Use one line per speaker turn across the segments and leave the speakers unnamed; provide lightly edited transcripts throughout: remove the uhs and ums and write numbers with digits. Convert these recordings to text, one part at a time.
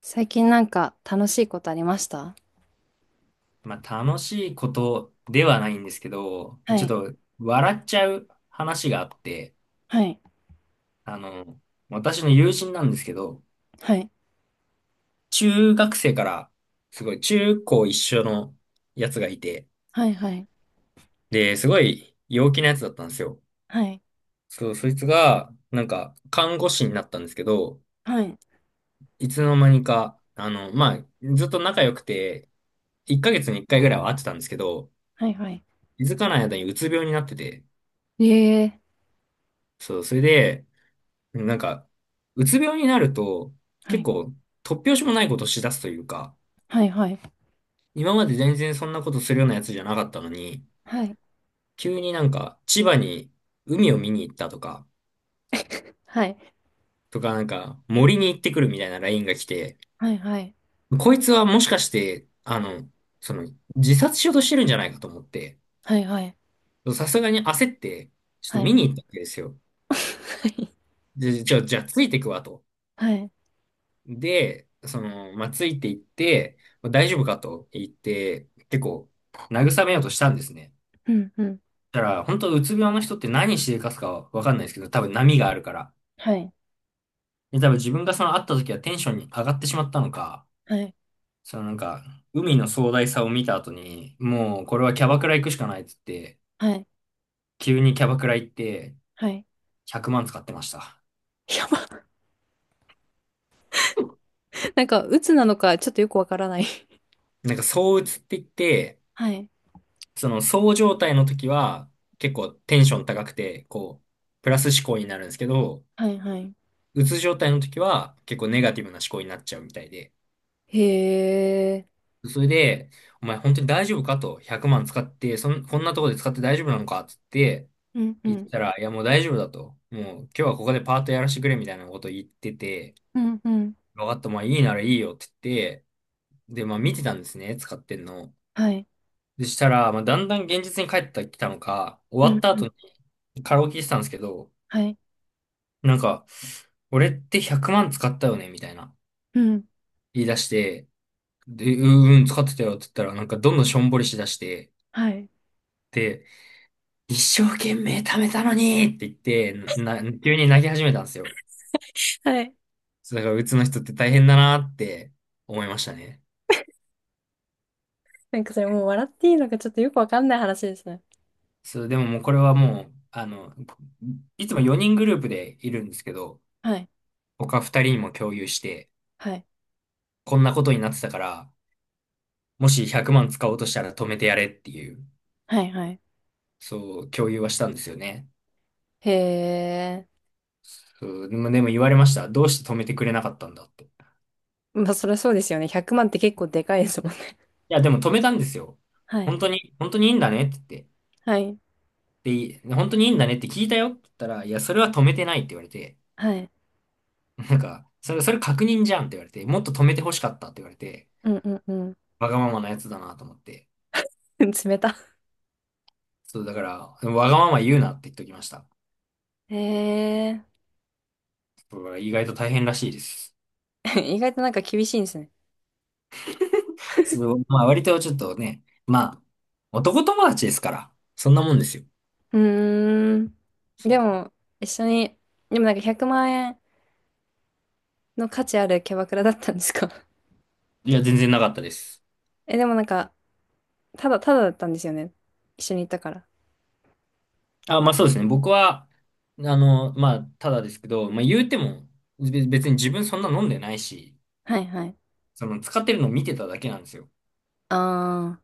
最近なんか楽しいことありました
まあ、楽しいことではないんですけど、
は
ちょっ
い、
と笑っちゃう話があって、
はい、
あの、私の友人なんですけど、
はい、
中学生から、すごい中高一緒のやつがいて、
はい、はい、
で、すごい陽気なやつだったんですよ。
はい、
そう、そいつが、なんか、看護師になったんですけど、
はい、
いつの間にか、あの、まあ、ずっと仲良くて、1ヶ月に1回ぐらいは会ってたんですけど、
はい、はい、
気づかない間にうつ病になってて、
ええ。
そう、それで、でもなんか、うつ病になると、
は
結
い、
構、突拍子もないことをしだすというか、
はい、はい、
今まで全然そんなことするようなやつじゃなかったのに、
はい、
急になんか、千葉に海を見に行ったとか、
はい。
とかなんか、森に行ってくるみたいなラインが来て、
はい、はい、
こいつはもしかして、あの、その、自殺しようとしてるんじゃないかと思って、
はい、はい、
さすがに焦って、ちょっと
は
見
い、
に行ったわけですよ。で、じゃあついてくわと。
はい、
で、その、まあ、ついていって、まあ大丈夫かと言って、結構、慰めようとしたんですね。
うん、うん、
だから、本当うつ病の人って何しでかすかわかんないですけど、多分波があるから。
はい、
で、多分自分がその会った時はテンションに上がってしまったのか、
はい、
そのなんか、海の壮大さを見た後に、もうこれはキャバクラ行くしかないっつって、
はい、
急にキャバクラ行って、
はい、
100万使ってました。
やば。なんか、鬱なのかちょっとよくわからない。
なんか、躁鬱って言って、
はい、
その、そう状態の時は、結構テンション高くて、こう、プラス思考になるんですけど、
はい、はい、
うつ状態の時は、結構ネガティブな思考になっちゃうみたいで。
へえ。
それで、お前本当に大丈夫かと、100万使って、こんなところで使って大丈夫なのかっつって
うん、う
言っ
ん、
たら、いやもう大丈夫だと。もう今日はここでパートやらせてくれみたいなこと言ってて、
うん、うん、
分かった、まあいいならいいよって言って、で、まあ見てたんですね、使ってんの。
はい、
でしたら、まあだんだん現実に帰ってきたのか、終
う
わ
ん、
った
うん、
後にカラオケしてたんですけど、
はい、
なんか、俺って100万使ったよねみたいな
うん、
言い出して、で、うんうん、使ってたよって言ったら、なんかどんどんしょんぼりしだして、
はい、
で、一生懸命貯めたのにって言って、急に泣き始めたんですよ。
はい。
そうだから、うつの人って大変だなって思いましたね。
なんかそれもう笑っていいのかちょっとよくわかんない話ですね。
そう、でももうこれはもう、あの、いつも4人グループでいるんですけど、
はい。
他2人にも共有して、
はい。
こんなことになってたから、もし100万使おうとしたら止めてやれっていう、
はい。はい。
そう、共有はしたんですよね。
へえ。
そうでも言われました。どうして止めてくれなかったんだって。い
まあそりゃそうですよね。100万って結構でかいですもんね。
や、でも止めたんですよ。
はい。
本当に、本当にいいんだねって言っ
はい。
て。で、本当にいいんだねって聞いたよって言ったら、いや、それは止めてないって言われて、
はい。
なんか、それ確認じゃんって言われて、もっと止めて欲しかったって言われて、
うんうんう
わがままなやつだなと思って。
ん。冷た。
そう、だから、わがまま言うなって言っときました。
へえ。
これは意外と大変らしいです。
意外となんか厳しいんですね。
そう、まあ割とちょっとね、まあ、男友達ですから、そんなもんですよ。
うーん。でも、一緒に、でもなんか100万円の価値あるキャバクラだったんですか？
いや、全然なかったです。
え、でもなんか、ただだったんですよね。一緒に行ったから。
あ、まあそうですね。僕は、あの、まあ、ただですけど、まあ言うても、別に自分そんな飲んでないし、
はいはい。
その使ってるのを見てただけなんですよ。
ああ、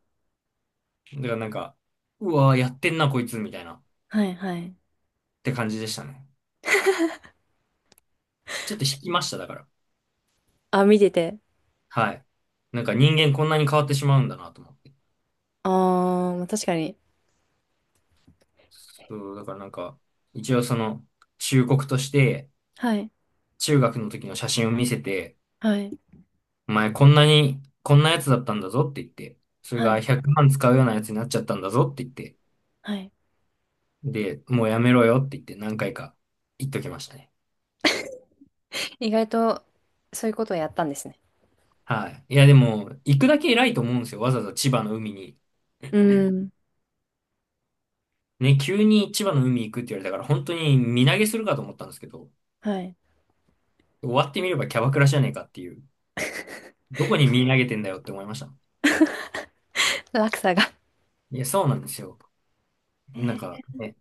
だからなんか、うわー、やってんな、こいつ、みたいな、っ
はいはい。
て感じでしたね。ちょっと引きました、だから。
あ、見てて。
はい。なんか人間こんなに変わってしまうんだなと思って。
ああ、確かに。
そう、だからなんか、一応その、忠告として、
はい、
中学の時の写真を見せて、
はい、
お前こんなに、こんなやつだったんだぞって言って、それ
は
が
い、
100万使うようなやつになっちゃったんだぞって言って、
はい。
で、もうやめろよって言って何回か言っときましたね。
意外と、そういうことをやったんですね。
はい。いや、でも、行くだけ偉いと思うんですよ。わざわざ千葉の海に。
うん、
ね、急に千葉の海行くって言われたから、本当に身投げするかと思ったんですけど、
はい。
終わってみればキャバクラじゃねえかっていう。どこに身投げてんだよって思いました。
落差が。
いや、そうなんですよ。
え
なん
ー。
か、ね、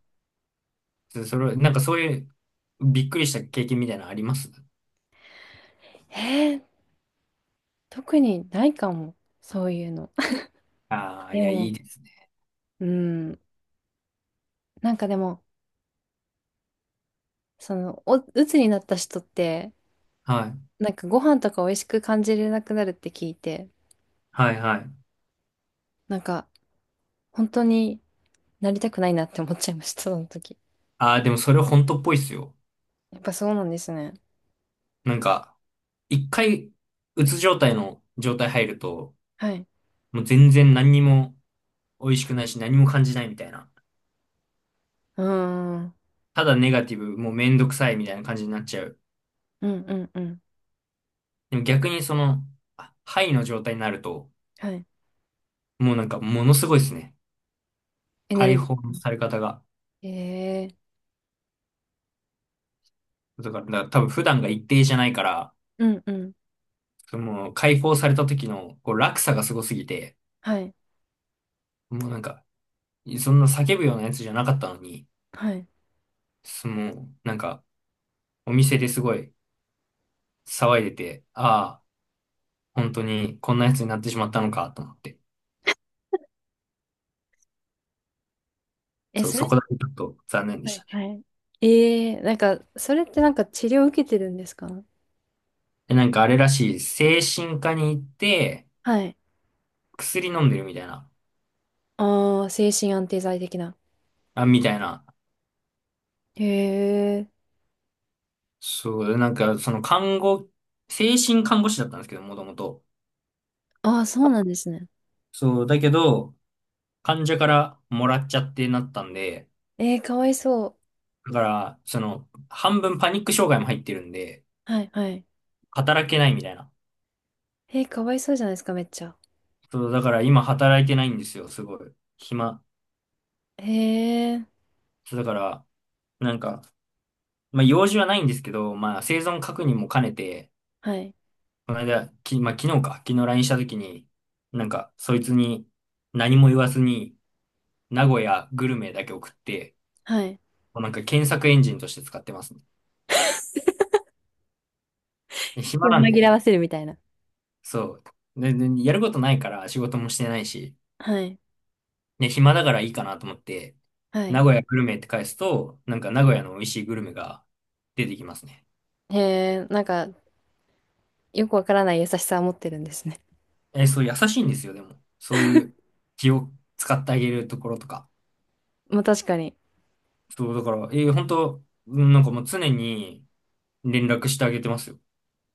そそれ、なんかそういうびっくりした経験みたいなのあります？
えー、特にないかも。そういうの。
ああー、い
で
や、い
も、
いですね。
うん。なんかでも、その、お、鬱になった人って、
はい。
なんかご飯とか美味しく感じれなくなるって聞いて、
はい、はい。
なんか、本当になりたくないなって思っちゃいました、その時。
ああ、でもそれ本当っぽいっすよ。
やっぱそうなんですね。
なんか、一回、うつ状態の状態入ると、
はい。
もう全然何にも美味しくないし何も感じないみたいな。
うーん。うん
ただネガティブ、もうめんどくさいみたいな感じになっちゃう。
うんうん。
でも逆にその、あハイの状態になると、
はい。
もうなんかものすごいですね。
エネル
解
ギ
放の
ー。
され方が。
ええ。
だから、だから多分普段が一定じゃないから、
うんうん。
その解放された時のこう落差がすごすぎて、
はい。
もうなんか、そんな叫ぶようなやつじゃなかったのに、
はい。
その、なんか、お店ですごい騒いでて、ああ、本当にこんなやつになってしまったのかと思って。
え、そ
そ
れ。
こだけちょっと残念で
は
した
い。は
ね。
い。ええ、なんか、それってなんか治療受けてるんですか？
で、なんかあれらしい、精神科に行って、
はい。
薬飲んでるみたいな、
ああ、精神安定剤的な。
あ、みたいな。
へえ。
そう、なんかその看護、精神看護師だったんですけど、もともと。
ああ、そうなんですね。
そう、だけど、患者からもらっちゃってなったんで、
ええかわいそ
だから、その、半分パニック障害も入ってるんで、
う。はい、はい。
働けないみたいな。
ええかわいそうじゃないですか、めっちゃ。
そう、だから今働いてないんですよ、すごい。暇。
へえ。
そう、だから、なんか、まあ、用事はないんですけど、まあ、生存確認も兼ねて、
はい。
この間、まあ、昨日か、昨日 LINE したときに、なんか、そいつに何も言わずに、名古屋グルメだけ送って、
はい。
もうなんか検索エンジンとして使ってますね。で暇
気を
なん
紛
で、
らわせるみたいな。
そう。で、でやることないから仕事もしてないし、
はい。
で、暇だからいいかなと思って、
は
名
い。
古屋グルメって返すと、なんか名古屋の美味しいグルメが出てきますね。
へえ、なんか、よくわからない優しさを持ってるんですね。
え、そう、優しいんですよ、でも。そういう気を使ってあげるところとか。
まあ確かに。
そう、だから、えー、本当、うんなんかもう常に、連絡してあげてますよ。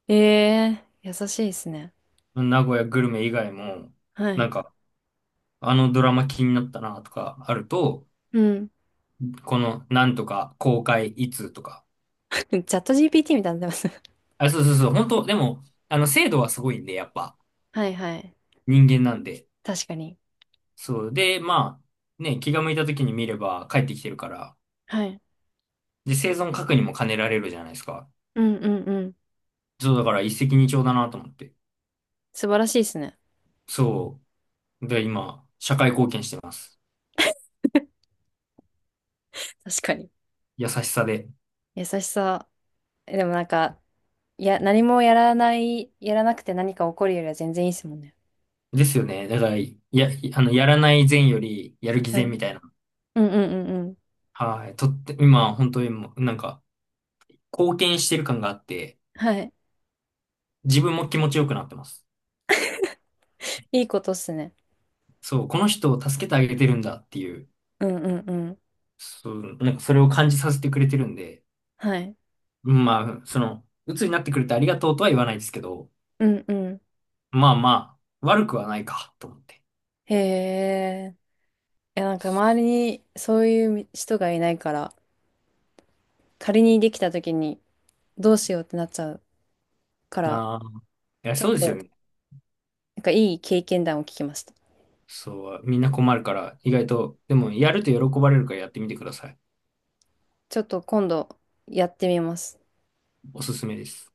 ええ優しいですね。
名古屋グルメ以外も、
は
なん
い。
か、あのドラマ気になったなとかあると、
うん。
このなんとか公開いつとか。
チャット GPT みたいになってます。
あ、そうそうそう、本当でも、あの、精度はすごいんで、やっぱ、
はいはい。
人間なんで。
確かに。
そう。で、まあ、ね、気が向いた時に見れば帰ってきてるから、
はい。
で、生存確認も兼ねられるじゃないですか。
うんうんうん。
そう、だから一石二鳥だなと思って。
素晴らしいですね。
そう。で、今、社会貢献してます。
確かに。
優しさで。
優しさ。えでもなんか、いや、何もやらない、やらなくて何か起こるよりは全然いいですもんね。
ですよね。だから、や、あの、やらない善より、やる偽
は
善
い。
みたいな。
うんうんうんうん。
はい。とって、今、本当にもう、なんか、貢献してる感があって、
はい。
自分も気持ちよくなってます。
いいことっすね。
そう、この人を助けてあげてるんだっていう、
うんうんうん。
そう、なんかそれを感じさせてくれてるんで、
はい。
まあ、その、鬱になってくれてありがとうとは言わないですけど、
うんうん。
まあまあ、悪くはないか、と思って。
へえ。いや、なんか周りにそういう人がいないから、仮にできた時にどうしようってなっちゃうから、
ああ、いや、
ちょ
そ
っ
うですよ
と
ね。
なんかいい経験談を聞きました。
そう、みんな困るから、意外と、でも、やると喜ばれるからやってみてください。
ちょっと今度やってみます。
おすすめです。